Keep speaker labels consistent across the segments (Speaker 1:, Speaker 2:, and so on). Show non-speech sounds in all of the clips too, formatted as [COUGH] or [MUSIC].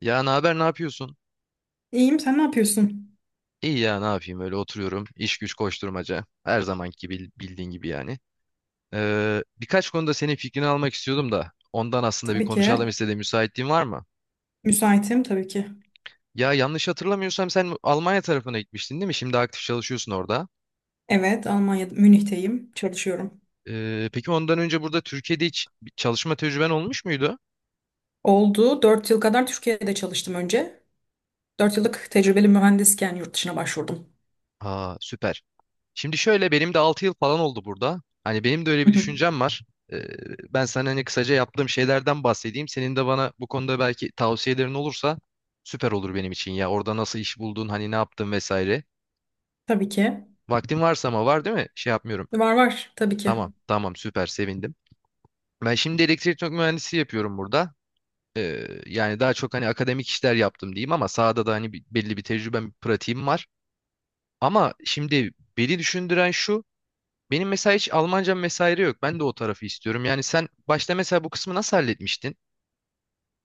Speaker 1: Ya ne haber, ne yapıyorsun?
Speaker 2: İyiyim, sen ne yapıyorsun?
Speaker 1: İyi ya ne yapayım öyle oturuyorum. İş güç koşturmaca. Her zamanki gibi bildiğin gibi yani. Birkaç konuda senin fikrini almak istiyordum da ondan aslında bir
Speaker 2: Tabii
Speaker 1: konuşalım
Speaker 2: ki.
Speaker 1: istedim. Müsaitliğin var mı?
Speaker 2: Müsaitim tabii ki.
Speaker 1: Ya yanlış hatırlamıyorsam sen Almanya tarafına gitmiştin değil mi? Şimdi aktif çalışıyorsun orada.
Speaker 2: Evet, Almanya'da, Münih'teyim. Çalışıyorum.
Speaker 1: Peki ondan önce burada Türkiye'de hiç bir çalışma tecrüben olmuş muydu?
Speaker 2: Oldu. 4 yıl kadar Türkiye'de çalıştım önce. 4 yıllık tecrübeli mühendisken yurt dışına başvurdum.
Speaker 1: Aa süper. Şimdi şöyle benim de 6 yıl falan oldu burada. Hani benim de öyle
Speaker 2: Hı
Speaker 1: bir
Speaker 2: hı.
Speaker 1: düşüncem var. Ee, ben sana hani kısaca yaptığım şeylerden bahsedeyim. Senin de bana bu konuda belki tavsiyelerin olursa süper olur benim için ya. Orada nasıl iş buldun, hani ne yaptın vesaire.
Speaker 2: Tabii ki.
Speaker 1: Vaktin varsa ama var değil mi? Şey yapmıyorum.
Speaker 2: Var var, tabii ki.
Speaker 1: Tamam, tamam süper sevindim. Ben şimdi elektrik mühendisi yapıyorum burada. Yani daha çok hani akademik işler yaptım diyeyim ama sahada da hani belli bir tecrübem, pratiğim var. Ama şimdi beni düşündüren şu. Benim mesela hiç Almancam vesaire yok. Ben de o tarafı istiyorum. Yani sen başta mesela bu kısmı nasıl halletmiştin?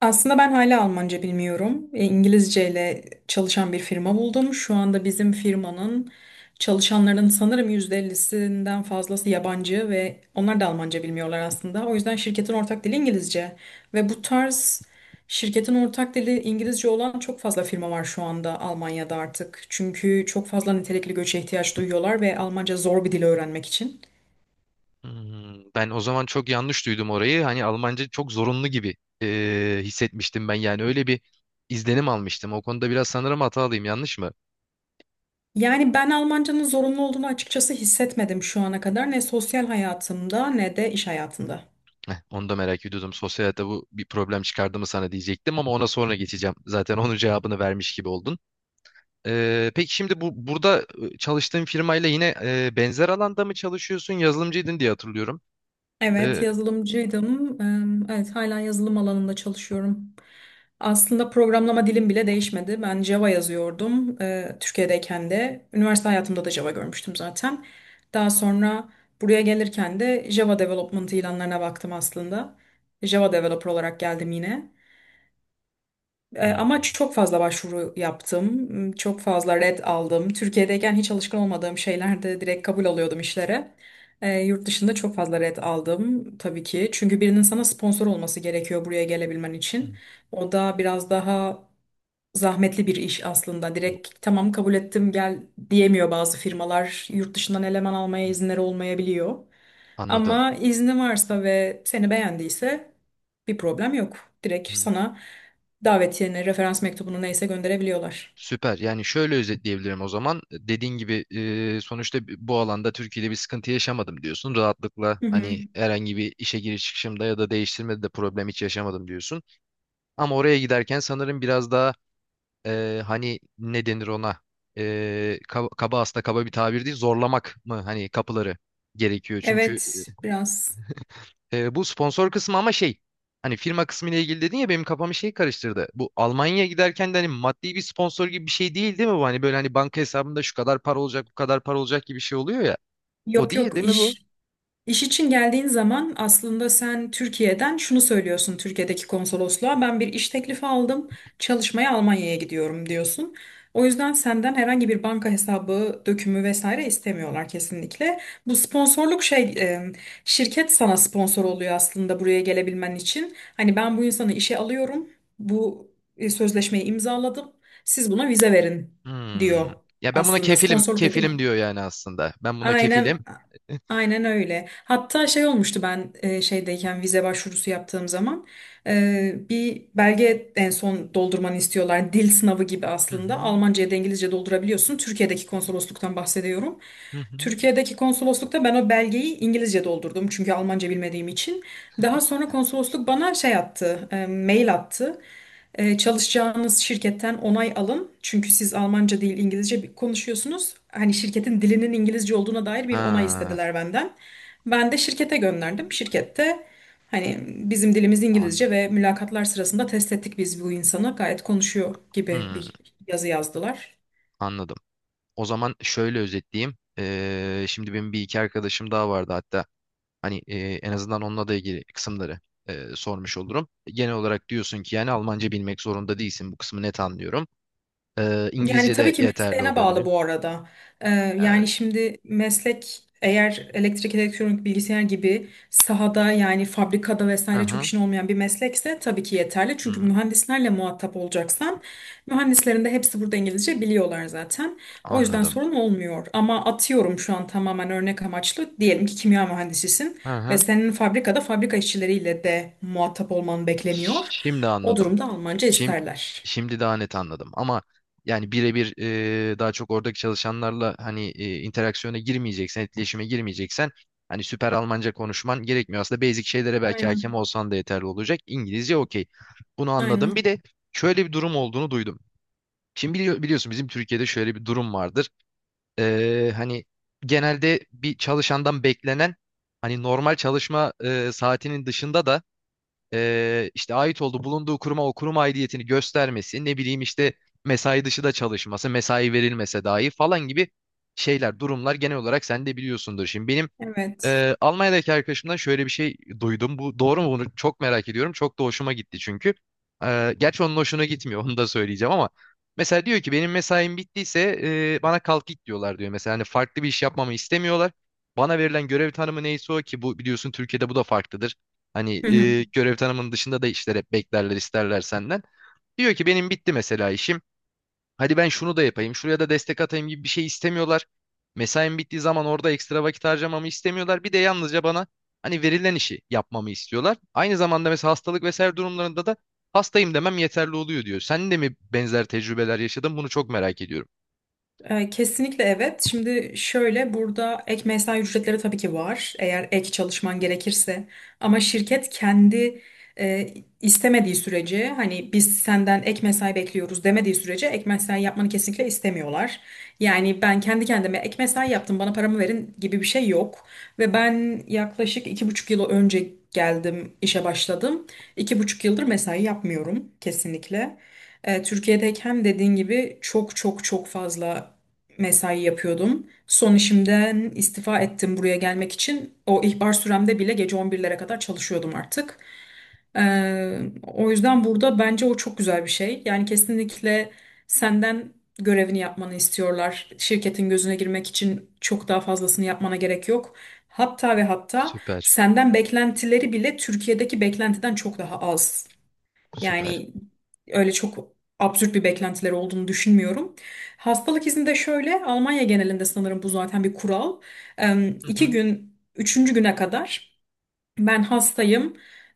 Speaker 2: Aslında ben hala Almanca bilmiyorum. İngilizce ile çalışan bir firma buldum. Şu anda bizim firmanın çalışanlarının sanırım %50'sinden fazlası yabancı ve onlar da Almanca bilmiyorlar aslında. O yüzden şirketin ortak dili İngilizce. Ve bu tarz şirketin ortak dili İngilizce olan çok fazla firma var şu anda Almanya'da artık. Çünkü çok fazla nitelikli göçe ihtiyaç duyuyorlar ve Almanca zor bir dil öğrenmek için.
Speaker 1: Ben o zaman çok yanlış duydum orayı. Hani Almanca çok zorunlu gibi hissetmiştim ben. Yani öyle bir izlenim almıştım. O konuda biraz sanırım hatalıyım. Yanlış mı?
Speaker 2: Yani ben Almancanın zorunlu olduğunu açıkçası hissetmedim şu ana kadar. Ne sosyal hayatımda ne de iş hayatımda.
Speaker 1: Heh, onu da merak ediyordum. Sosyal hayatta bu bir problem çıkardı mı sana diyecektim ama ona sonra geçeceğim. Zaten onun cevabını vermiş gibi oldun. Peki şimdi bu burada çalıştığın firmayla yine benzer alanda mı çalışıyorsun? Yazılımcıydın diye hatırlıyorum.
Speaker 2: Evet,
Speaker 1: Eee,
Speaker 2: yazılımcıydım. Evet, hala yazılım alanında çalışıyorum. Aslında programlama dilim bile değişmedi. Ben Java yazıyordum, Türkiye'deyken de. Üniversite hayatımda da Java görmüştüm zaten. Daha sonra buraya gelirken de Java Development ilanlarına baktım aslında. Java Developer olarak geldim yine.
Speaker 1: Hmm.
Speaker 2: Ama çok fazla başvuru yaptım, çok fazla red aldım. Türkiye'deyken hiç alışkın olmadığım şeylerde direkt kabul alıyordum işlere. Yurt dışında çok fazla red aldım tabii ki. Çünkü birinin sana sponsor olması gerekiyor buraya gelebilmen için. O da biraz daha zahmetli bir iş aslında. Direkt tamam kabul ettim gel diyemiyor bazı firmalar. Yurt dışından eleman almaya
Speaker 1: Hmm.
Speaker 2: izinleri olmayabiliyor.
Speaker 1: Anladım.
Speaker 2: Ama izni varsa ve seni beğendiyse bir problem yok. Direkt
Speaker 1: Hmm,
Speaker 2: sana davetiyeni, referans mektubunu neyse gönderebiliyorlar.
Speaker 1: süper. Yani şöyle özetleyebilirim o zaman. Dediğin gibi sonuçta bu alanda Türkiye'de bir sıkıntı yaşamadım diyorsun. Rahatlıkla
Speaker 2: Hı hı.
Speaker 1: hani herhangi bir işe giriş çıkışımda ya da değiştirmede de problem hiç yaşamadım diyorsun. Ama oraya giderken sanırım biraz daha hani ne denir ona? Kaba, kaba aslında kaba bir tabir değil. Zorlamak mı hani kapıları gerekiyor. Çünkü.
Speaker 2: Evet, biraz.
Speaker 1: Bu sponsor kısmı ama şey hani firma kısmı ile ilgili dedin ya benim kafamı şey karıştırdı. Bu Almanya'ya giderken de hani maddi bir sponsor gibi bir şey değil değil mi bu? Hani böyle hani banka hesabında şu kadar para olacak bu kadar para olacak gibi bir şey oluyor ya. O
Speaker 2: Yok
Speaker 1: değil
Speaker 2: yok.
Speaker 1: değil mi bu?
Speaker 2: İş için geldiğin zaman aslında sen Türkiye'den şunu söylüyorsun, Türkiye'deki konsolosluğa ben bir iş teklifi aldım, çalışmaya Almanya'ya gidiyorum diyorsun. O yüzden senden herhangi bir banka hesabı, dökümü vesaire istemiyorlar kesinlikle. Bu sponsorluk şey şirket sana sponsor oluyor aslında buraya gelebilmen için. Hani ben bu insanı işe alıyorum. Bu sözleşmeyi imzaladım. Siz buna vize verin
Speaker 1: Hmm.
Speaker 2: diyor
Speaker 1: Ya ben buna
Speaker 2: aslında,
Speaker 1: kefilim
Speaker 2: sponsorluk da değil
Speaker 1: kefilim
Speaker 2: mi?
Speaker 1: diyor yani aslında. Ben buna
Speaker 2: Aynen.
Speaker 1: kefilim.
Speaker 2: Aynen öyle. Hatta şey olmuştu, ben şeydeyken vize başvurusu yaptığım zaman bir belge en son doldurmanı istiyorlar. Dil sınavı gibi
Speaker 1: Hı
Speaker 2: aslında.
Speaker 1: hı,
Speaker 2: Almanca ya da İngilizce doldurabiliyorsun. Türkiye'deki konsolosluktan bahsediyorum.
Speaker 1: hı hı.
Speaker 2: Türkiye'deki konsoloslukta ben o belgeyi İngilizce doldurdum çünkü Almanca bilmediğim için. Daha sonra konsolosluk bana şey attı, mail attı. Çalışacağınız şirketten onay alın. Çünkü siz Almanca değil İngilizce konuşuyorsunuz. Hani şirketin dilinin İngilizce olduğuna dair bir onay
Speaker 1: Ha,
Speaker 2: istediler benden. Ben de şirkete gönderdim. Şirkette hani bizim dilimiz İngilizce
Speaker 1: anladım.
Speaker 2: ve mülakatlar sırasında test ettik biz bu insanı. Gayet konuşuyor gibi
Speaker 1: Hmm,
Speaker 2: bir yazı yazdılar.
Speaker 1: anladım. O zaman şöyle özetleyeyim. Şimdi benim bir iki arkadaşım daha vardı hatta. Hani en azından onunla da ilgili kısımları sormuş olurum. Genel olarak diyorsun ki yani Almanca bilmek zorunda değilsin. Bu kısmı net anlıyorum. E,
Speaker 2: Yani
Speaker 1: İngilizce
Speaker 2: tabii
Speaker 1: de
Speaker 2: ki
Speaker 1: yeterli
Speaker 2: mesleğine bağlı
Speaker 1: olabilir.
Speaker 2: bu arada. Ee,
Speaker 1: E,
Speaker 2: Yani şimdi meslek eğer elektrik, elektronik, bilgisayar gibi sahada yani fabrikada
Speaker 1: hı
Speaker 2: vesaire çok
Speaker 1: hı,
Speaker 2: işin olmayan bir meslekse tabii ki yeterli. Çünkü
Speaker 1: hı,
Speaker 2: mühendislerle muhatap olacaksan mühendislerin de hepsi burada İngilizce biliyorlar zaten. O yüzden
Speaker 1: anladım.
Speaker 2: sorun olmuyor. Ama atıyorum şu an tamamen örnek amaçlı. Diyelim ki kimya mühendisisin
Speaker 1: Hı
Speaker 2: ve
Speaker 1: hı.
Speaker 2: senin fabrikada fabrika işçileriyle de muhatap olman bekleniyor.
Speaker 1: Şimdi
Speaker 2: O
Speaker 1: anladım.
Speaker 2: durumda Almanca
Speaker 1: Şimdi,
Speaker 2: isterler.
Speaker 1: şimdi daha net anladım ama yani birebir daha çok oradaki çalışanlarla hani interaksiyona girmeyeceksen, etkileşime girmeyeceksen hani süper Almanca konuşman gerekmiyor. Aslında basic şeylere belki hakem
Speaker 2: Aynen.
Speaker 1: olsan da yeterli olacak. İngilizce okey. Bunu anladım. Bir
Speaker 2: Aynen.
Speaker 1: de şöyle bir durum olduğunu duydum. Şimdi biliyorsun bizim Türkiye'de şöyle bir durum vardır. Hani genelde bir çalışandan beklenen hani normal çalışma saatinin dışında da işte ait olduğu bulunduğu kuruma o kurum aidiyetini göstermesi, ne bileyim işte mesai dışı da çalışması, mesai verilmese dahi falan gibi şeyler, durumlar genel olarak sen de biliyorsundur. Şimdi benim
Speaker 2: Evet.
Speaker 1: Almanya'daki arkadaşımdan şöyle bir şey duydum. Bu doğru mu? Bunu çok merak ediyorum. Çok da hoşuma gitti çünkü. Gerçi onun hoşuna gitmiyor. [LAUGHS] Onu da söyleyeceğim ama. Mesela diyor ki benim mesaim bittiyse bana kalk git diyorlar diyor. Mesela hani farklı bir iş yapmamı istemiyorlar. Bana verilen görev tanımı neyse o ki bu biliyorsun Türkiye'de bu da farklıdır.
Speaker 2: Hı
Speaker 1: Hani
Speaker 2: hı.
Speaker 1: görev tanımının dışında da işler hep beklerler isterler senden. Diyor ki benim bitti mesela işim. Hadi ben şunu da yapayım, şuraya da destek atayım gibi bir şey istemiyorlar. Mesaim bittiği zaman orada ekstra vakit harcamamı istemiyorlar. Bir de yalnızca bana hani verilen işi yapmamı istiyorlar. Aynı zamanda mesela hastalık vesaire durumlarında da hastayım demem yeterli oluyor diyor. Sen de mi benzer tecrübeler yaşadın? Bunu çok merak ediyorum.
Speaker 2: Kesinlikle evet. Şimdi şöyle, burada ek mesai ücretleri tabii ki var. Eğer ek çalışman gerekirse. Ama şirket kendi e, istemediği sürece, hani biz senden ek mesai bekliyoruz demediği sürece, ek mesai yapmanı kesinlikle istemiyorlar. Yani ben kendi kendime ek mesai yaptım, bana paramı verin gibi bir şey yok. Ve ben yaklaşık 2,5 yıl önce geldim, işe başladım. 2,5 yıldır mesai yapmıyorum kesinlikle. Türkiye'deyken dediğin gibi çok çok çok fazla mesai yapıyordum. Son işimden istifa ettim buraya gelmek için. O ihbar süremde bile gece 11'lere kadar çalışıyordum artık. Ee, O yüzden burada bence o çok güzel bir şey. Yani kesinlikle senden görevini yapmanı istiyorlar. Şirketin gözüne girmek için çok daha fazlasını yapmana gerek yok. Hatta ve hatta
Speaker 1: Süper,
Speaker 2: senden beklentileri bile Türkiye'deki beklentiden çok daha az.
Speaker 1: süper.
Speaker 2: Yani öyle çok absürt bir beklentileri olduğunu düşünmüyorum. Hastalık izni de şöyle, Almanya genelinde sanırım bu zaten bir kural.
Speaker 1: Hı
Speaker 2: İki
Speaker 1: hı,
Speaker 2: gün, üçüncü güne kadar ben hastayım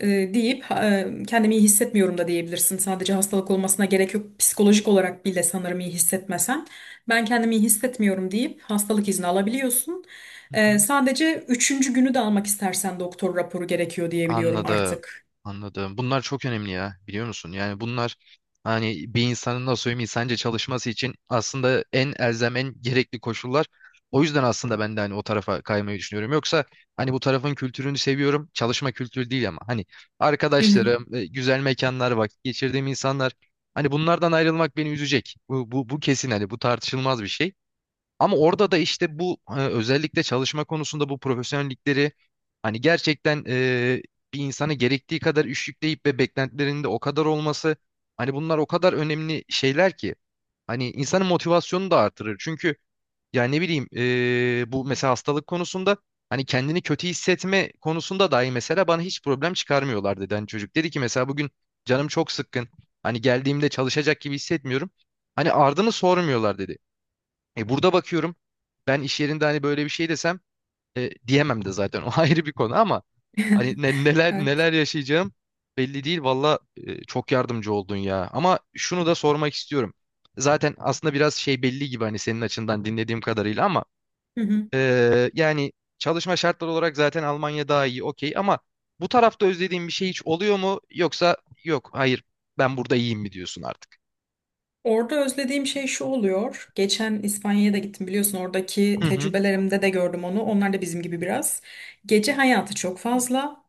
Speaker 2: deyip kendimi iyi hissetmiyorum da diyebilirsin. Sadece hastalık olmasına gerek yok. Psikolojik olarak bile sanırım iyi hissetmesen, ben kendimi iyi hissetmiyorum deyip hastalık izni alabiliyorsun.
Speaker 1: hı hı.
Speaker 2: Sadece üçüncü günü de almak istersen doktor raporu gerekiyor diyebiliyorum
Speaker 1: Anladım.
Speaker 2: artık.
Speaker 1: Anladım. Bunlar çok önemli ya biliyor musun? Yani bunlar hani bir insanın nasıl söyleyeyim insanca çalışması için aslında en elzem en gerekli koşullar. O yüzden aslında ben de hani o tarafa kaymayı düşünüyorum. Yoksa hani bu tarafın kültürünü seviyorum. Çalışma kültürü değil ama hani
Speaker 2: Hı hı.
Speaker 1: arkadaşlarım, güzel mekanlar, vakit geçirdiğim insanlar hani bunlardan ayrılmak beni üzecek. Bu kesin, hani bu tartışılmaz bir şey. Ama orada da işte bu özellikle çalışma konusunda bu profesyonellikleri hani gerçekten bir insana gerektiği kadar iş yükleyip ve beklentilerinin de o kadar olması, hani bunlar o kadar önemli şeyler ki hani insanın motivasyonunu da artırır. Çünkü ya ne bileyim bu mesela hastalık konusunda hani kendini kötü hissetme konusunda dahi mesela bana hiç problem çıkarmıyorlar dedi. Hani çocuk dedi ki mesela bugün canım çok sıkkın, hani geldiğimde çalışacak gibi hissetmiyorum. Hani ardını sormuyorlar dedi. Burada bakıyorum ben iş yerinde hani böyle bir şey desem, diyemem de zaten [LAUGHS] o ayrı bir konu, ama hani
Speaker 2: [LAUGHS]
Speaker 1: neler
Speaker 2: Evet.
Speaker 1: neler yaşayacağım belli değil valla. Çok yardımcı oldun ya, ama şunu da sormak istiyorum. Zaten aslında biraz şey belli gibi, hani senin açından dinlediğim kadarıyla, ama
Speaker 2: Hı hı.
Speaker 1: yani çalışma şartları olarak zaten Almanya daha iyi okey, ama bu tarafta özlediğin bir şey hiç oluyor mu, yoksa yok, hayır, ben burada iyiyim mi diyorsun artık?
Speaker 2: Orada özlediğim şey şu oluyor. Geçen İspanya'ya da gittim, biliyorsun oradaki
Speaker 1: Hı hı.
Speaker 2: tecrübelerimde de gördüm onu. Onlar da bizim gibi biraz. Gece hayatı çok fazla.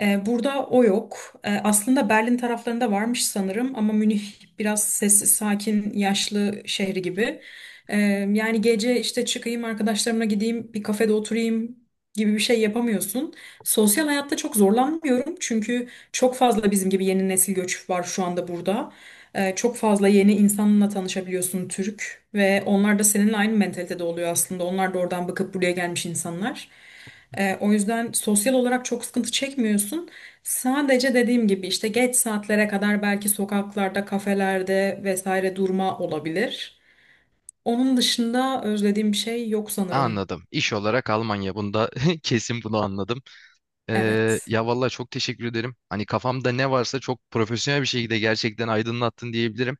Speaker 2: Burada o yok. Aslında Berlin taraflarında varmış sanırım ama Münih biraz sessiz, sakin, yaşlı şehri gibi. Ee, Yani gece işte çıkayım arkadaşlarımla, gideyim bir kafede oturayım gibi bir şey yapamıyorsun. Sosyal hayatta çok zorlanmıyorum çünkü çok fazla bizim gibi yeni nesil göç var şu anda burada. Çok fazla yeni insanla tanışabiliyorsun, Türk, ve onlar da seninle aynı mentalitede oluyor aslında. Onlar da oradan bakıp buraya gelmiş insanlar. O yüzden sosyal olarak çok sıkıntı çekmiyorsun. Sadece dediğim gibi işte geç saatlere kadar belki sokaklarda, kafelerde vesaire durma olabilir. Onun dışında özlediğim bir şey yok sanırım.
Speaker 1: Anladım. İş olarak Almanya bunda [LAUGHS] kesin, bunu anladım. Ee,
Speaker 2: Evet.
Speaker 1: ya vallahi çok teşekkür ederim. Hani kafamda ne varsa çok profesyonel bir şekilde gerçekten aydınlattın diyebilirim.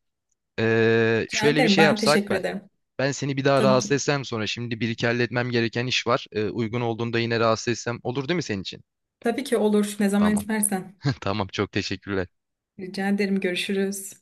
Speaker 1: Ee,
Speaker 2: Rica
Speaker 1: şöyle bir
Speaker 2: ederim.
Speaker 1: şey
Speaker 2: Ben
Speaker 1: yapsak
Speaker 2: teşekkür
Speaker 1: ben.
Speaker 2: ederim.
Speaker 1: Ben seni bir daha
Speaker 2: Tabii
Speaker 1: rahatsız
Speaker 2: ki.
Speaker 1: etsem, sonra şimdi bir iki halletmem gereken iş var. Uygun olduğunda yine rahatsız etsem olur değil mi senin için?
Speaker 2: Tabii ki olur. Ne zaman
Speaker 1: Tamam.
Speaker 2: istersen.
Speaker 1: [LAUGHS] Tamam çok teşekkürler.
Speaker 2: Rica ederim. Görüşürüz.